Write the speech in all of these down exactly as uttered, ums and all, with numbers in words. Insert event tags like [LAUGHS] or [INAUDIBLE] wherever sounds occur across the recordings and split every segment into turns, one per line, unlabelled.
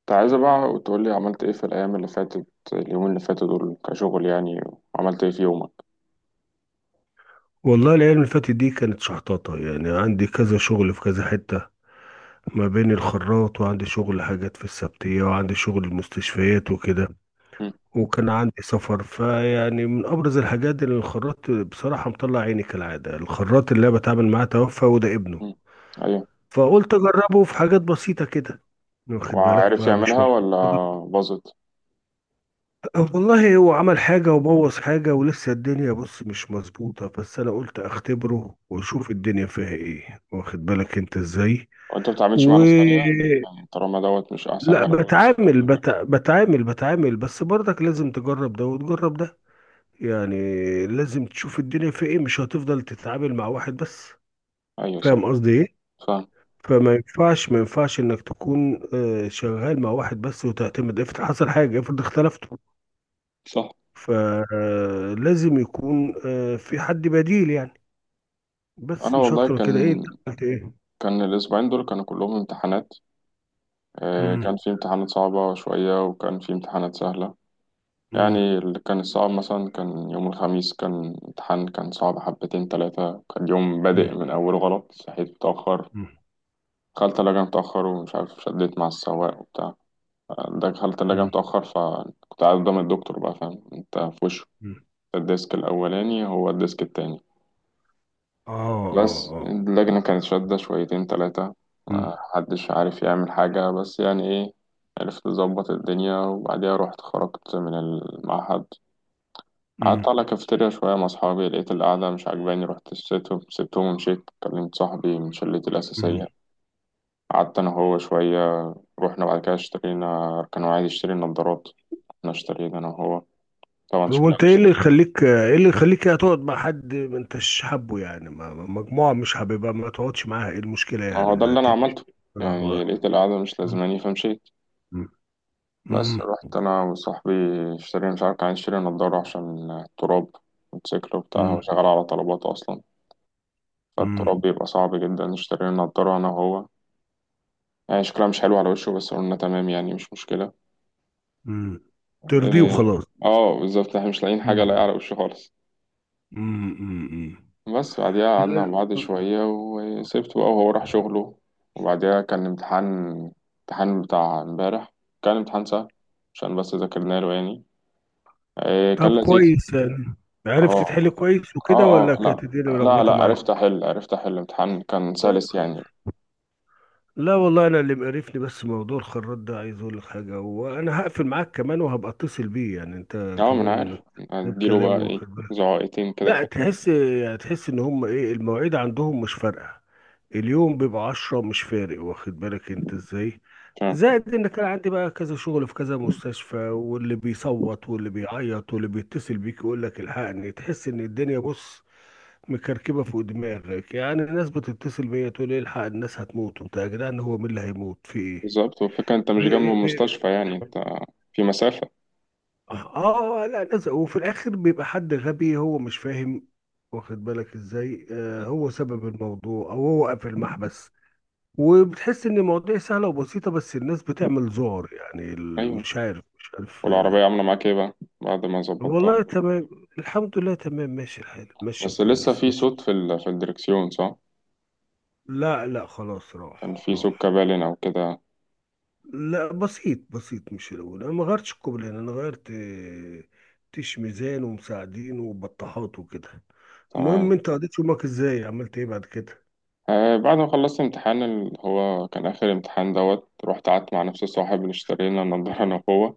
كنت عايزة بقى تقولي عملت ايه في الأيام اللي فاتت. اليومين اللي فاتوا دول كشغل يعني عملت ايه في يومك.
والله الأيام اللي فاتت دي كانت شحطاطة، يعني عندي كذا شغل في كذا حتة ما بين الخراط، وعندي شغل حاجات في السبتية، وعندي شغل المستشفيات وكده،
مم.
وكان عندي سفر، فيعني من أبرز الحاجات اللي الخراط بصراحة مطلع عيني كالعادة. الخراط اللي أنا بتعامل معاه توفى وده ابنه،
مم. أيوة.
فقلت أجربه في حاجات بسيطة كده، واخد بالك،
وعارف
فمش
يعملها ولا
موجود.
باظت؟
والله هو عمل حاجة وبوظ حاجة، ولسه الدنيا بص مش مظبوطة، بس أنا قلت أختبره وأشوف الدنيا فيها إيه، واخد بالك أنت إزاي.
وانت بتتعاملش مع
و
ناس تانية؟ يعني طالما دوت مش أحسن
لا،
حاجة.
بتعامل بت... بتعامل بتعامل، بس برضك لازم تجرب ده وتجرب ده، يعني لازم تشوف الدنيا فيها إيه، مش هتفضل تتعامل مع واحد بس.
أيوة صح.
فاهم قصدي إيه؟
فاهم.
فما ينفعش ما ينفعش إنك تكون آه، شغال مع واحد بس وتعتمد. افرض حصل حاجة، افرض اختلفتوا،
صح.
فلازم يكون آه، في حد بديل يعني. بس
أنا
مش اكتر
والله
من
كان
كده. ايه، انت عملت ايه؟
كان الأسبوعين دول كانوا كلهم امتحانات. آه،
مم،
كان في امتحانات صعبة شوية وكان في امتحانات سهلة.
مم،
يعني اللي كان الصعب مثلا كان يوم الخميس، كان امتحان كان صعب حبتين تلاتة. كان يوم بادئ
مم،
من أوله غلط، صحيت متأخر،
مم،
دخلت الثلاجة متأخر ومش عارف شديت مع السواق وبتاع. دخلت الثلاجة
مم،
متأخر فكنت قاعد قدام الدكتور بقى، فاهم انت، في وشه
مم.
الديسك الأولاني هو الديسك التاني.
اه، اه،
بس
اه.
اللجنة كانت شادة شويتين تلاتة،
مم،
محدش عارف يعمل حاجة بس يعني ايه. عرفت أظبط الدنيا وبعديها رحت خرجت من المعهد. قعدت
مم،
على كافيتيريا شوية مع أصحابي، لقيت القعدة مش عاجباني، رحت سبتهم سبتهم ومشيت. كلمت صاحبي من شلتي
مم.
الأساسية، قعدت أنا هو شوية. رحنا بعد كده اشترينا، كان هو عايز يشتري نظارات، احنا اشترينا انا وهو. طبعا
طب
شكلها
وانت ايه
مش،
اللي يخليك، آه، ايه اللي يخليك يعني تقعد مع حد ما انتش حابه؟ يعني ما ما- مجموعة مش حاببها ما تقعدش معاها، ايه المشكلة
ما هو
يعني؟
ده
ما
اللي انا
تمشي.
عملته.
آه،
يعني
هو-
لقيت القعدة مش
مم،
لازماني فمشيت.
مم،
بس
مم،
رحت انا وصاحبي اشترينا، مش عارف كان عايز يشتري نضارة عشان التراب. موتوسيكل وبتاع، هو
مم،
شغال على طلبات اصلا، فالتراب
مم،
بيبقى صعب جدا. اشترينا نضارة انا وهو. يعني شكلها مش حلو على وشه بس قلنا تمام، يعني مش مشكلة.
مم. ترضيه
إيه،
وخلاص.
اه بالظبط، احنا مش لاقيين حاجة لاقية
مم،
على وشه خالص.
مم، مم، مم.
بس بعديها قعدنا مع بعض
لا.
شوية وسبته بقى وهو راح شغله. وبعديها كان امتحان، امتحان بتاع امبارح، كان امتحان سهل عشان بس ذاكرنا له يعني. إيه كان
طب
لذيذ.
كويس يعني، عرفت
اه
تحل كويس وكده
اه
ولا
اه لا،
كانت الدنيا
لا لا
ملخبطه معاك؟
عرفت احل، عرفت احل، امتحان كان
طيب.
سلس يعني.
لا والله، انا اللي مقرفني بس موضوع الخراط ده. عايز اقول لك حاجه، وانا هقفل معاك كمان وهبقى اتصل بيه، يعني انت
اه، ما انا
كمان
عارف
جيب
اديله
كلام،
بقى ايه،
واخد بالك.
زعائقتين كده.
لا، تحس يعني، تحس ان هم ايه، المواعيد عندهم مش فارقه. اليوم بيبقى عشرة، مش فارق، واخد بالك انت ازاي؟
عشان-
زائد ان كان عندي بقى كذا شغل في كذا مستشفى، واللي بيصوت واللي بيعيط واللي بيتصل بيك يقول لك الحقني. تحس ان الدنيا بص مكركبه فوق دماغك، يعني الناس بتتصل بيا تقول لي الحق، الناس هتموت وبتاع، يا جدعان هو مين اللي هيموت في؟
بالظبط. والفكرة انت مش جنب
ايه، ب- ب-
المستشفى يعني، انت في مسافة.
اه، لا، ناس. وفي الاخر بيبقى حد غبي هو مش فاهم، واخد بالك ازاي؟ آه، هو سبب الموضوع او هو قافل المحبس، وبتحس ان المواضيع سهله وبسيطه، بس الناس بتعمل ذعر، يعني ال-
ايوه.
مش عارف، مش عارف، آه.
والعربية عاملة معاك ايه بقى بعد ما ظبطتها؟
والله تمام. الحمد لله، تمام، ماشي الحال، ماشي
بس لسه
كويس،
في
ماشي.
صوت في ال... في الدركسيون صح؟
لا، لا، خلاص،
كان
راح
في
راح.
سكة بالين أو كده.
لا، بسيط بسيط، مش الأول. أنا ما غيرتش الكوبلين، أنا غيرت آه، تيش ميزان ومساعدين وبطاحات وكده. المهم،
تمام.
أنت قضيت يومك إزاي، عملت إيه بعد كده؟
آه، بعد ما خلصت امتحان اللي هو كان آخر امتحان دوت، رحت قعدت مع نفس الصاحب اللي اشتري لنا النضارة [LAUGHS] أنا وهو.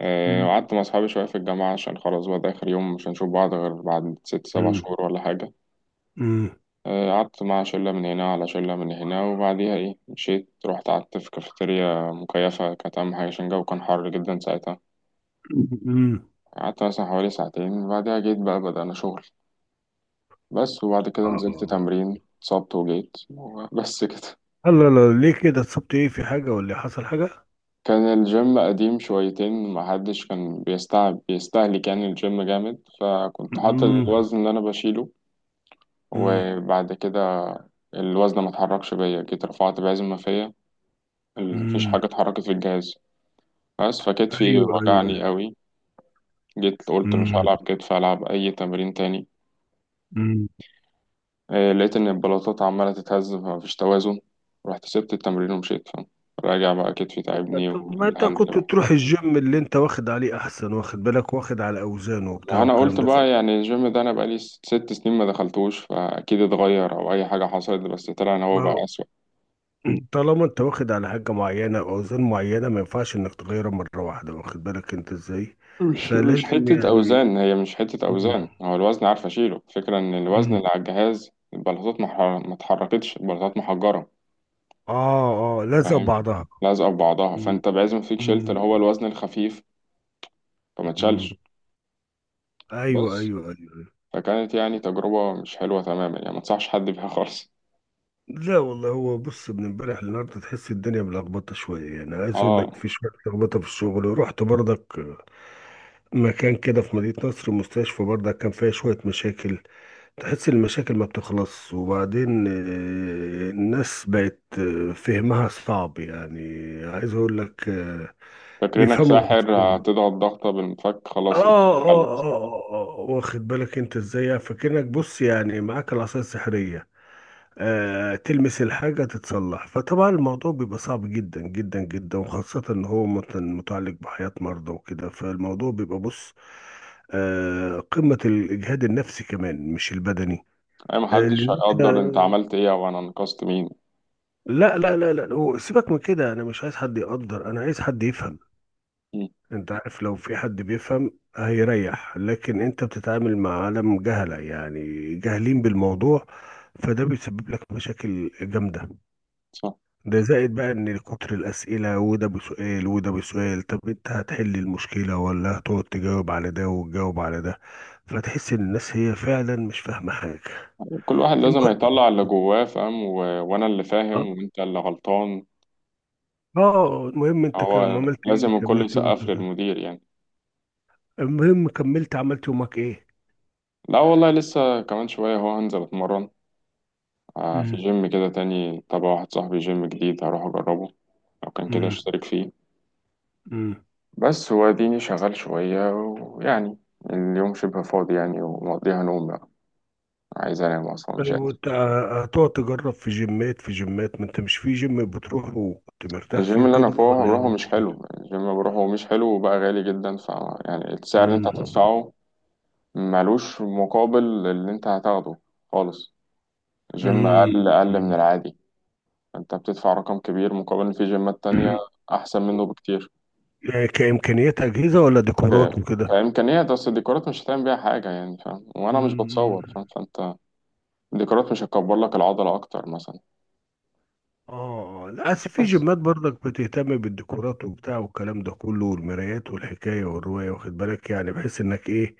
آه،
مم.
وقعدت مع أصحابي شوية في الجامعة عشان خلاص بقى ده آخر يوم، مش هنشوف بعض غير بعد ست سبع
مم.
شهور ولا حاجة.
مم.
آه، قعدت مع شلة من هنا على شلة من هنا، وبعديها إيه مشيت، رحت قعدت في كافيتيريا مكيفة، كانت أهم حاجة عشان الجو كان حر جدا ساعتها.
مم.
قعدت مثلا حوالي ساعتين، بعدها جيت بقى بدأنا شغل. بس وبعد كده نزلت
آه.
تمرين، اتصبت وجيت. [LAUGHS] بس كده.
الله، لا ليه كده اتصبت؟ إيه، في حاجة ولا حصل حاجة؟
كان الجيم قديم شويتين، محدش كان بيستعب بيستهلك يعني، الجيم جامد، فكنت حاطط
مم.
الوزن اللي انا بشيله.
مم.
وبعد كده الوزن ما اتحركش بيا، جيت رفعت بعزم ما فيا، ال- مفيش
مم.
حاجة اتحركت في الجهاز. بس فكتفي
أيوه، أيوه،
وجعني
أيوه.
قوي. جيت قلت مش
مم.
هلعب كتف، هلعب اي تمرين تاني.
مم.
آه، لقيت ان البلاطات عمالة تتهز فمفيش توازن، رحت سبت التمرين ومشيت، فاهم. راجع بقى، كتفي
أيوه.
تعبني.
طب ما أنت
وانت،
كنت تروح الجيم اللي أنت واخد عليه أحسن، واخد بالك، واخد على أوزانه وبتاع
ما انا
والكلام
قلت
ده.
بقى يعني الجيم ده انا بقالي ست ست سنين ما دخلتوش، فاكيد اتغير او اي حاجه حصلت، بس طلع ان هو بقى
ما
اسوأ.
طالما انت واخد على حاجة معينة او اوزان معينة، ما ينفعش انك تغيرها مرة واحدة، واخد بالك انت ازاي؟
مش مش
فلازم
حته
يعني.
اوزان، هي مش حته اوزان،
مم.
هو الوزن عارف اشيله. الفكره ان الوزن
مم.
اللي على الجهاز البلاطات ما ح- ما اتحركتش، البلاطات محجره،
اه، اه، لازم
فاهم،
بعضها.
لازقه في بعضها،
مم.
فانت بعزم فيك شلت اللي
مم.
هو الوزن الخفيف فما
مم.
اتشالش.
ايوه،
بس
ايوه، ايوه، أيوة.
فكانت يعني تجربه مش حلوه تماما، يعني ما انصحش حد بيها خالص.
لا والله، هو بص من امبارح للنهارده تحس الدنيا ملخبطه شويه، يعني عايز اقول لك،
اه.
في شويه لخبطه في الشغل، ورحت برضك مكان كده في مدينه نصر، مستشفى برضك كان فيها شويه مشاكل. تحس المشاكل ما بتخلص، وبعدين آه، الناس بقت آه، فهمها صعب يعني. عايز اقول لك، آه،
فاكرينك
بيفهموا
ساحر
بصعوبة.
هتضغط ضغطه بالمفك
آه
خلاص
آه, آه
اتحلت.
آه آه واخد بالك أنت إزاي؟ فكأنك بص، يعني معاك العصاية السحرية، آه، تلمس الحاجة تتصلح. فطبعا الموضوع بيبقى صعب جدا جدا جدا، وخاصة إن هو مت- متعلق بحياة مرضى وكده. فالموضوع بيبقى بص، آه، قمة الإجهاد النفسي كمان مش البدني.
أي
اللي
محدش
انت...
هيقدر أنت عملت إيه أو أنا أنقذت مين.
لا، لا، لا، لا، هو سيبك من كده، انا مش عايز حد يقدر، انا عايز حد يفهم.
مم.
انت عارف، لو في حد بيفهم هيريح، لكن انت بتتعامل مع عالم جهلة يعني، جاهلين بالموضوع، فده بيسبب لك مشاكل جامدة.
صح.
ده زائد بقى ان كتر الاسئلة، وده بسؤال وده بسؤال. طب انت هتحل المشكلة ولا هتقعد تجاوب على ده وتجاوب على ده؟ فتحس ان الناس هي فعلا مش فاهمة حاجة.
كل واحد
الم...
لازم يطلع اللي جواه، فاهم و... وأنا اللي
اه.
فاهم وأنت اللي غلطان.
آه، المهم انت كم،
هو
عملت ايه،
لازم الكل
كملت يومك؟
يسقف للمدير يعني.
المهم، كملت عملت يومك ايه؟
لا والله، لسه كمان شوية هو هنزل أتمرن. آه، في
امم،
جيم كده تاني تبع واحد صاحبي، جيم جديد هروح أجربه. لو كان كده
امم،
اشترك فيه.
امم.
بس هو اديني شغال شوية ويعني اليوم شبه فاضي يعني، ومقضيها نوم بقى، عايز أنام أصلا مش.
طيب وانت، آه، هتقعد تجرب في جيمات في جيمات؟ ما انت مش في جيم بتروح وكنت مرتاح فيه
الجيم اللي انا
وكده،
فوق
ولا ايه
بروحه مش
المشكلة؟
حلو، الجيم اللي بروحه مش حلو وبقى غالي جدا، ف يعني السعر اللي انت
امم،
هتدفعه ملوش مقابل اللي انت هتاخده خالص. الجيم
امم.
اقل اقل من العادي، انت بتدفع رقم كبير مقابل ان في جيمات تانية
[CLEARS THROAT]
احسن منه بكتير.
يعني كإمكانيات أجهزة ولا
ك-
ديكورات وكده؟
كامكانيات، اصل الديكورات مش هتعمل بيها حاجه يعني، فاهم، وانا مش
امم.
بتصور فاهم، فانت الديكورات مش هتكبر لك العضله اكتر مثلا.
اه، للأسف في
بس
جيمات برضك بتهتم بالديكورات وبتاع والكلام ده كله، والمرايات والحكاية والرواية، واخد بالك، يعني بحيث انك ايه،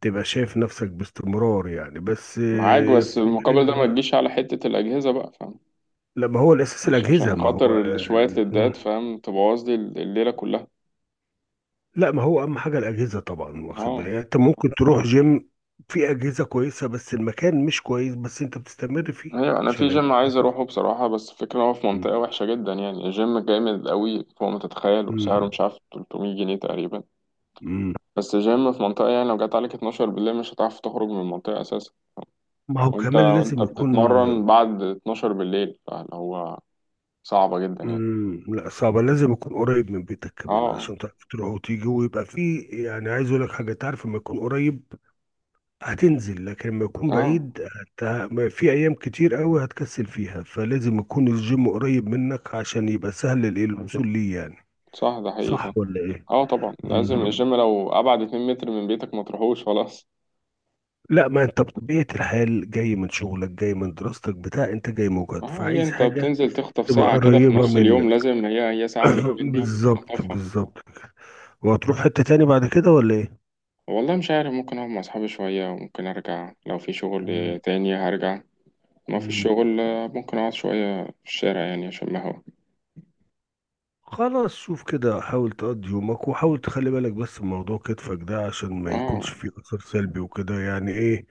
تبقى شايف نفسك باستمرار، يعني بس
معاك،
آه،
بس
في
المقابل
حين.
ده ما تجيش على حته الاجهزه بقى فاهم،
لا، ما هو الأساس
مش
الأجهزة،
عشان
ما هو
خاطر شوية
آه، مم.
لدات فاهم تبوظ لي الليلة كلها.
لا، ما هو أهم حاجة الأجهزة طبعا، واخد بالك
اه.
يعني، أنت ممكن تروح جيم في أجهزة كويسة بس المكان مش كويس، بس أنت بتستمر فيه
ايوه، انا
عشان
في جيم
الأجهزة.
عايز اروحه بصراحة، بس الفكرة هو في
مم.
منطقة وحشة جدا، يعني الجيم جامد قوي فوق ما تتخيل وسعره
مم.
مش عارف ثلاث مية جنيه تقريبا.
مم.
بس الجيم في منطقة يعني لو جت عليك اتناشر بالليل مش هتعرف تخرج من المنطقة اساسا.
ما هو
وانت
كمان
وانت
لازم يكون،
بتتمرن بعد اتناشر بالليل فاللي هو صعبة جدا يعني.
مم، لا صعبة، لازم يكون قريب من بيتك كمان
اه
عشان تعرف تروح وتيجي، ويبقى فيه يعني. عايز اقول لك حاجة، تعرف لما يكون قريب هتنزل، لكن لما يكون
اه
بعيد هت... ما- في ايام كتير قوي هتكسل فيها، فلازم يكون الجيم قريب منك عشان يبقى سهل ال- الوصول ليه يعني.
صح، ده حقيقي
صح
فاهم.
ولا ايه؟
اه طبعا، لازم
مم.
الجيم لو ابعد اتنين متر من بيتك ما تروحوش خلاص.
لا، ما انت بطبيعة الحال جاي من شغلك، جاي من دراستك بتاع انت جاي مجهد،
اه، هي
فعايز
انت
حاجة
بتنزل تخطف
تبقى
ساعة كده في
قريبة
نص اليوم،
منك.
لازم هي هي ساعة
[COUGHS]
بالليل
[CLEARS THROAT]
دي
بالظبط،
تخطفها.
بالظبط. وهتروح حتة تاني بعد كده ولا ايه؟
والله مش عارف، ممكن اقعد مع اصحابي شوية، وممكن ارجع لو في شغل
مم.
تاني هرجع. ما في
مم.
الشغل، آه، ممكن اقعد شوية في الشارع يعني، عشان ما هو.
خلاص، شوف كده، حاول تقضي يومك، وحاول تخلي بالك بس من موضوع كتفك ده عشان ما يكونش فيه
اه.
أثر سلبي وكده، يعني ايه،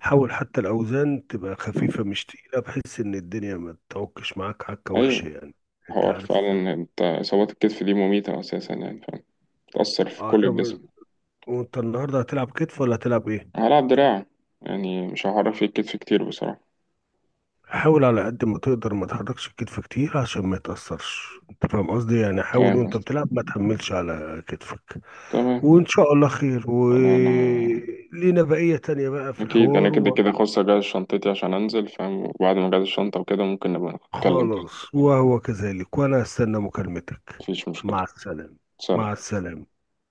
حاول حتى الأوزان تبقى خفيفة مش تقيلة، بحيث إن الدنيا ما تتوكش معاك حكة وحشة،
ايوه،
يعني أنت
حوار
عارف.
فعلا. انت اصابات الكتف دي مميتة اساسا يعني فاهم، بتأثر في
اه
كل
طب،
الجسم.
وأنت النهاردة هتلعب كتف ولا هتلعب ايه؟
هلعب دراع، يعني مش هعرف في الكتف كتير بصراحة.
حاول على قد ما تقدر ما تحركش الكتف كتير عشان ما يتأثرش، أنت فاهم قصدي، يعني حاول
فاهم
وأنت
قصدي.
بتلعب ما تحملش على كتفك.
تمام.
وإن شاء الله خير،
والله انا،
ولينا بقية تانية بقى في
أكيد
الحوار.
أنا كده كده خلاص أجهز شنطتي عشان أنزل فاهم، وبعد ما أجهز الشنطة وكده ممكن نبقى نتكلم تاني.
وخلاص، وهو كذلك، وأنا أستنى مكالمتك.
مفيش مشكلة.
مع السلامة. مع
سلام.
السلامة.